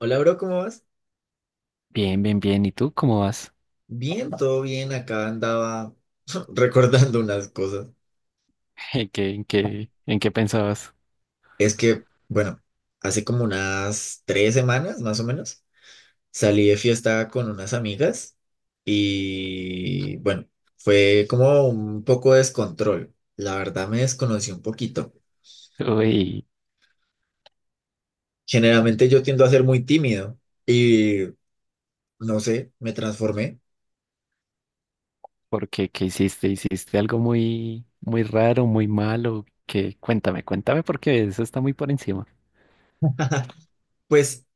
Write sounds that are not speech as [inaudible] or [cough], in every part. Hola, bro, ¿cómo vas? Bien, bien, bien. ¿Y tú cómo vas? Bien, todo bien. Acá andaba [laughs] recordando unas cosas. [laughs] ¿En qué pensabas? Es que, bueno, hace como unas tres semanas, más o menos, salí de fiesta con unas amigas y, bueno, fue como un poco de descontrol. La verdad me desconocí un poquito. Uy, Generalmente yo tiendo a ser muy tímido y, no sé, me transformé. ¿por qué? ¿Qué hiciste? ¿Hiciste algo muy, muy raro, muy malo? ¿Qué? Cuéntame, cuéntame porque eso está muy por encima. Pues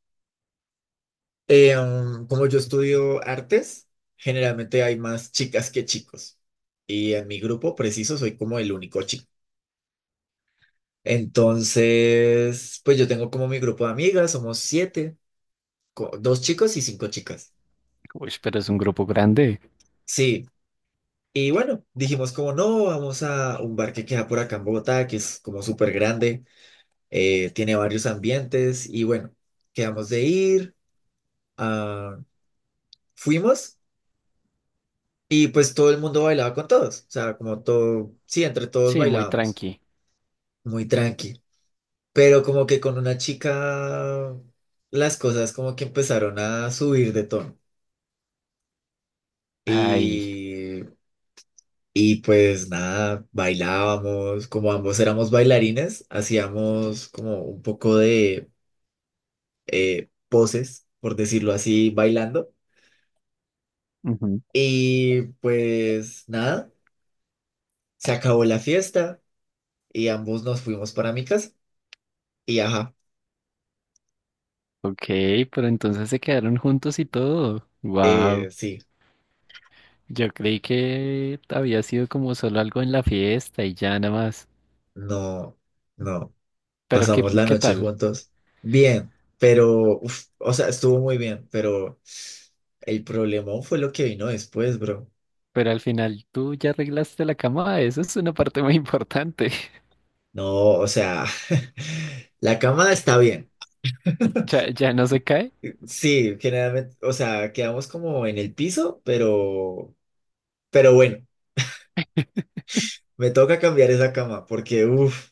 Como yo estudio artes, generalmente hay más chicas que chicos. Y en mi grupo preciso soy como el único chico. Entonces, pues yo tengo como mi grupo de amigas, somos siete, dos chicos y cinco chicas. Uy, pero es un grupo grande. Sí, y bueno, dijimos como no, vamos a un bar que queda por acá en Bogotá, que es como súper grande, tiene varios ambientes y bueno, quedamos de ir, ah, fuimos. Y pues todo el mundo bailaba con todos, o sea, como todo, sí, entre todos Sí, muy bailábamos, tranqui. muy tranqui, pero como que con una chica las cosas como que empezaron a subir de tono Ay, y, y pues nada, bailábamos, como ambos éramos bailarines, hacíamos como un poco de poses, por decirlo así, bailando ujú. y pues nada, se acabó la fiesta y ambos nos fuimos para mi casa. Y ajá, Ok, pero entonces se quedaron juntos y todo. Wow. sí, Yo creí que había sido como solo algo en la fiesta y ya nada más. no, no. Pero ¿qué, Pasamos la qué noche tal? juntos. Bien, pero, uf, o sea, estuvo muy bien, pero el problema fue lo que vino después, bro. Pero al final tú ya arreglaste la cama, eso es una parte muy importante. No, o sea, [laughs] la cama está bien. [laughs] ¿Ya no se cae? Sí, generalmente, o sea, quedamos como en el piso, pero bueno, me toca cambiar esa cama porque, uff,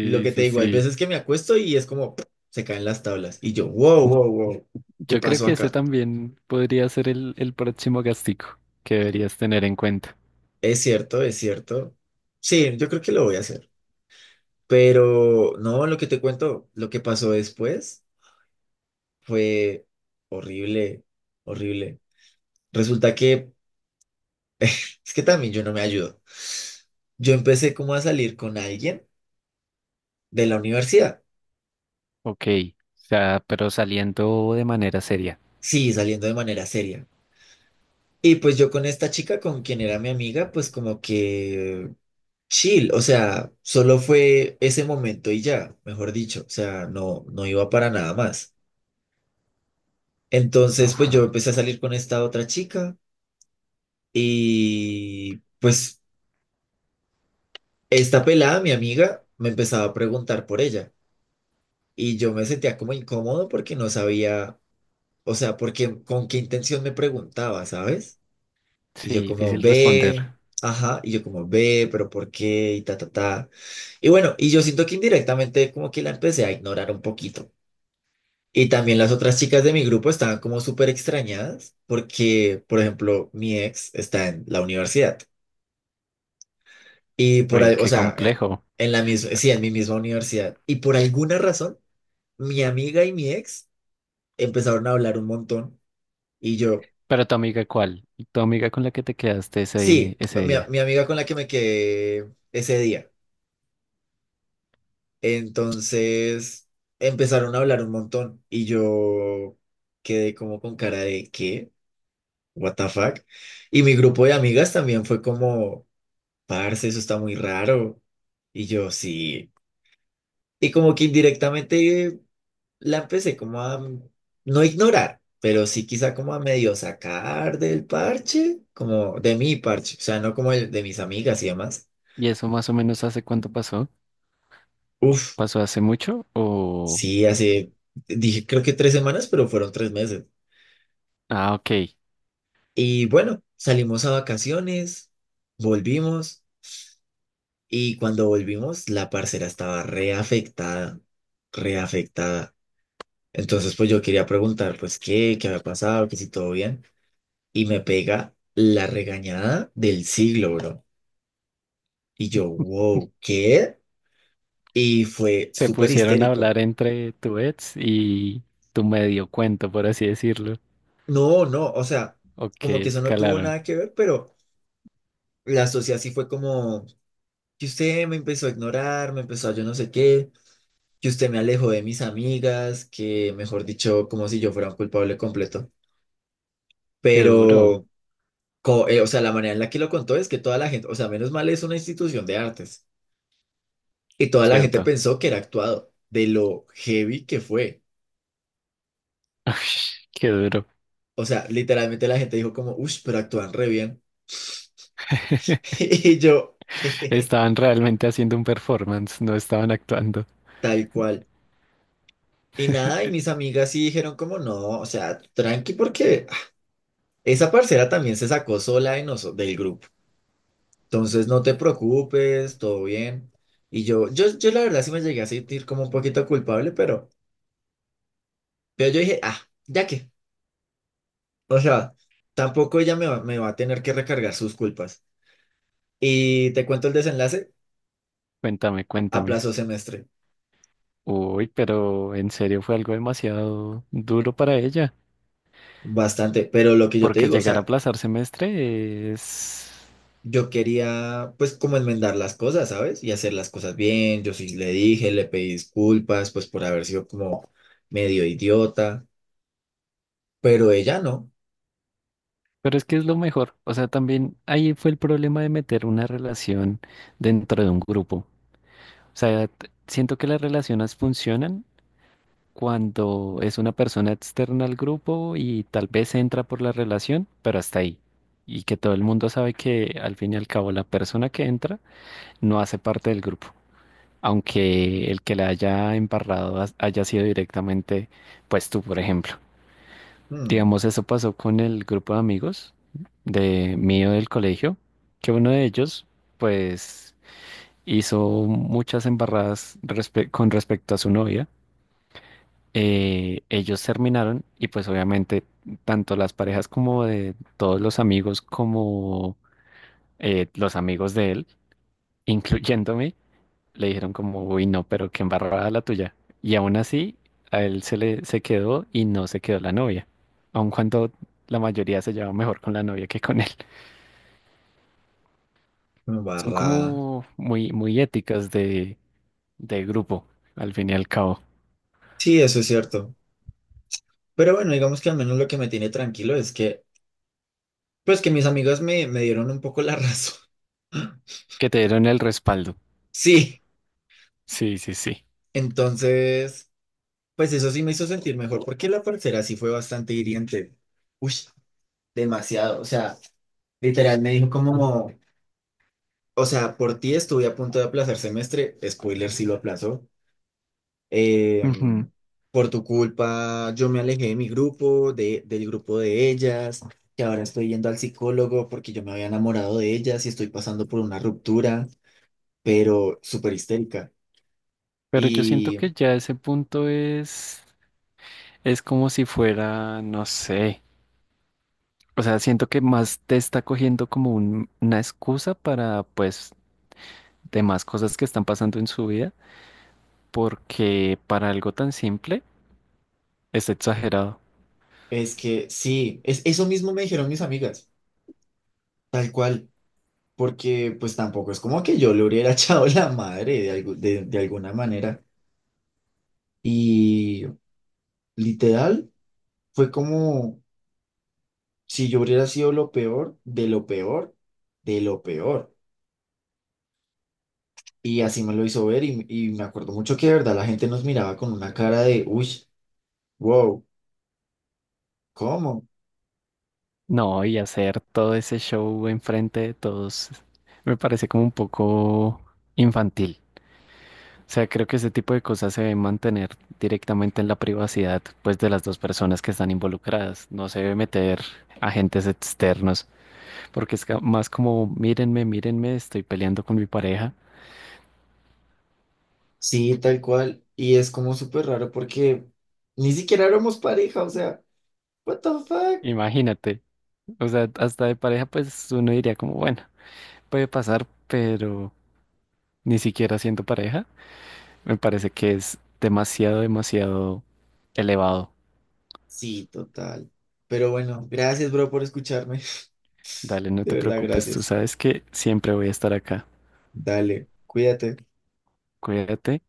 lo que te sí, digo, hay sí. veces que me acuesto y es como, [smacks lips] se caen las tablas y yo, wow, wow, wow, ¿qué Yo creo pasó que ese acá? también podría ser el próximo gastico que deberías tener en cuenta. Es cierto, es cierto. Sí, yo creo que lo voy a hacer. Pero no, lo que te cuento, lo que pasó después fue horrible, horrible. Resulta que es que también yo no me ayudo. Yo empecé como a salir con alguien de la universidad. Ok, o sea, pero saliendo de manera seria. Sí, saliendo de manera seria. Y pues yo con esta chica, con quien era mi amiga, pues como que chill, o sea, solo fue ese momento y ya, mejor dicho, o sea, no, no iba para nada más. Entonces, pues yo Ajá. empecé a salir con esta otra chica y pues esta pelada, mi amiga, me empezaba a preguntar por ella y yo me sentía como incómodo porque no sabía, o sea, porque con qué intención me preguntaba, ¿sabes? Y yo Sí, como difícil responder. ve, ajá, y yo como ve, pero ¿por qué? Y ta, ta, ta. Y bueno, y yo siento que indirectamente como que la empecé a ignorar un poquito. Y también las otras chicas de mi grupo estaban como súper extrañadas porque, por ejemplo, mi ex está en la universidad. Uy, O qué sea, complejo. en la misma, sí, en mi misma universidad. Y por alguna razón, mi amiga y mi ex empezaron a hablar un montón. Y yo, Pero tu amiga, ¿cuál? Tu amiga con la que te quedaste ese, sí, ese mi, día. mi amiga con la que me quedé ese día. Entonces, empezaron a hablar un montón. Y yo quedé como con cara de, ¿qué? What the fuck? Y mi grupo de amigas también fue como, parce, eso está muy raro. Y yo, sí. Y como que indirectamente la empecé como a no ignorar, pero sí quizá como a medio sacar del parche, como de mi parche, o sea, no como el de mis amigas y demás. ¿Y eso más o menos hace cuánto pasó? Uf, ¿Pasó hace mucho o...? sí, hace, dije creo que tres semanas, pero fueron tres meses. Ah, ok. Y bueno, salimos a vacaciones, volvimos y cuando volvimos la parcera estaba reafectada, reafectada. Entonces pues yo quería preguntar pues qué, qué había pasado, que si todo bien y me pega la regañada del siglo, bro. Y yo, wow, ¿qué? Y fue Se súper pusieron a histérico. hablar entre tu ex y tu medio cuento, por así decirlo. No, no, o sea, Ok, como que eso no tuvo escalaron. nada que ver, pero la sociedad sí fue como que usted me empezó a ignorar, me empezó a yo no sé qué, que usted me alejó de mis amigas, que mejor dicho, como si yo fuera un culpable completo. Qué duro, Pero, o sea, la manera en la que lo contó es que toda la gente, o sea, menos mal es una institución de artes, y toda la gente ¿cierto? pensó que era actuado, de lo heavy que fue. [laughs] Qué duro. O sea, literalmente la gente dijo como, uff, pero actúan re bien. [laughs] Y yo, [laughs] Estaban realmente haciendo un performance, no estaban actuando. tal cual. Y nada, y mis amigas sí dijeron como no, o sea, tranqui porque ah, esa parcera también se sacó sola de noso- del grupo. Entonces no te preocupes, todo bien. Y yo, yo la verdad sí me llegué a sentir como un poquito culpable, pero yo dije, ah, ya que, o sea, tampoco ella me va a tener que recargar sus culpas. Y te cuento el desenlace, Cuéntame, cuéntame. aplazó semestre, Uy, pero en serio fue algo demasiado duro para ella, bastante, pero lo que yo te porque digo, o llegar a sea, aplazar semestre es... yo quería, pues, como enmendar las cosas, ¿sabes? Y hacer las cosas bien. Yo sí le dije, le pedí disculpas, pues, por haber sido como medio idiota, pero ella no. Pero es que es lo mejor. O sea, también ahí fue el problema de meter una relación dentro de un grupo. O sea, siento que las relaciones funcionan cuando es una persona externa al grupo y tal vez entra por la relación, pero hasta ahí. Y que todo el mundo sabe que al fin y al cabo la persona que entra no hace parte del grupo, aunque el que la haya embarrado haya sido directamente, pues tú, por ejemplo. Mm, Digamos, eso pasó con el grupo de amigos de mío del colegio, que uno de ellos, pues, hizo muchas embarradas con respecto a su novia. Eh, ellos terminaron y pues obviamente tanto las parejas como de todos los amigos como los amigos de él, [laughs] incluyéndome, le dijeron como, uy, no, pero qué embarrada la tuya. Y aún así, a él se le se quedó y no se quedó la novia, aun cuando la mayoría se llevaba mejor con la novia que con él. [laughs] Son barrada. como muy, muy éticas de grupo, al fin y al cabo, Sí, eso es cierto. Pero bueno, digamos que al menos lo que me tiene tranquilo es que, pues, que mis amigos me dieron un poco la razón. [laughs] que te dieron el respaldo. Sí, Sí, sí, sí. entonces, pues eso sí me hizo sentir mejor, porque la parcera sí fue bastante hiriente. Uy, demasiado. O sea, literal me dijo como, o sea, por ti estuve a punto de aplazar semestre, spoiler sí lo aplazó. Eh, Ujú. por tu culpa yo me alejé de mi grupo, del grupo de ellas, que ahora estoy yendo al psicólogo porque yo me había enamorado de ellas y estoy pasando por una ruptura, pero súper histérica. Pero yo siento Y que ya ese es como si fuera, no sé, o sea, siento que más te está cogiendo como una excusa para, pues, demás cosas que están pasando en su vida, porque para algo tan simple es exagerado. es que sí, es, eso mismo me dijeron mis amigas, tal cual, porque pues tampoco es como que yo le hubiera [laughs] echado la madre de alguna manera. Y literal fue como... Si yo hubiera sido lo peor, de lo peor, de lo peor. Y así me lo hizo ver y me acuerdo mucho que de verdad la gente nos miraba con una cara de, uy, wow, ¿cómo? No, y hacer todo ese show enfrente de todos me parece como un poco infantil. O sea, creo que ese tipo de cosas se deben mantener directamente en la privacidad, pues, de las dos personas que están involucradas. No se debe meter agentes externos, porque es más como, mírenme, mírenme, estoy peleando con mi pareja. Sí, tal cual. Y es como súper raro porque ni siquiera éramos pareja, o sea, what the fuck. Imagínate. O sea, hasta de pareja, pues, uno diría como, bueno, puede pasar, pero ni siquiera siendo pareja, me parece que es demasiado, demasiado elevado. Sí, total. Pero bueno, gracias, bro, por escucharme. [laughs] Dale, no De te verdad, preocupes, tú gracias. sabes que siempre voy a estar acá. Dale, cuídate. Cuídate.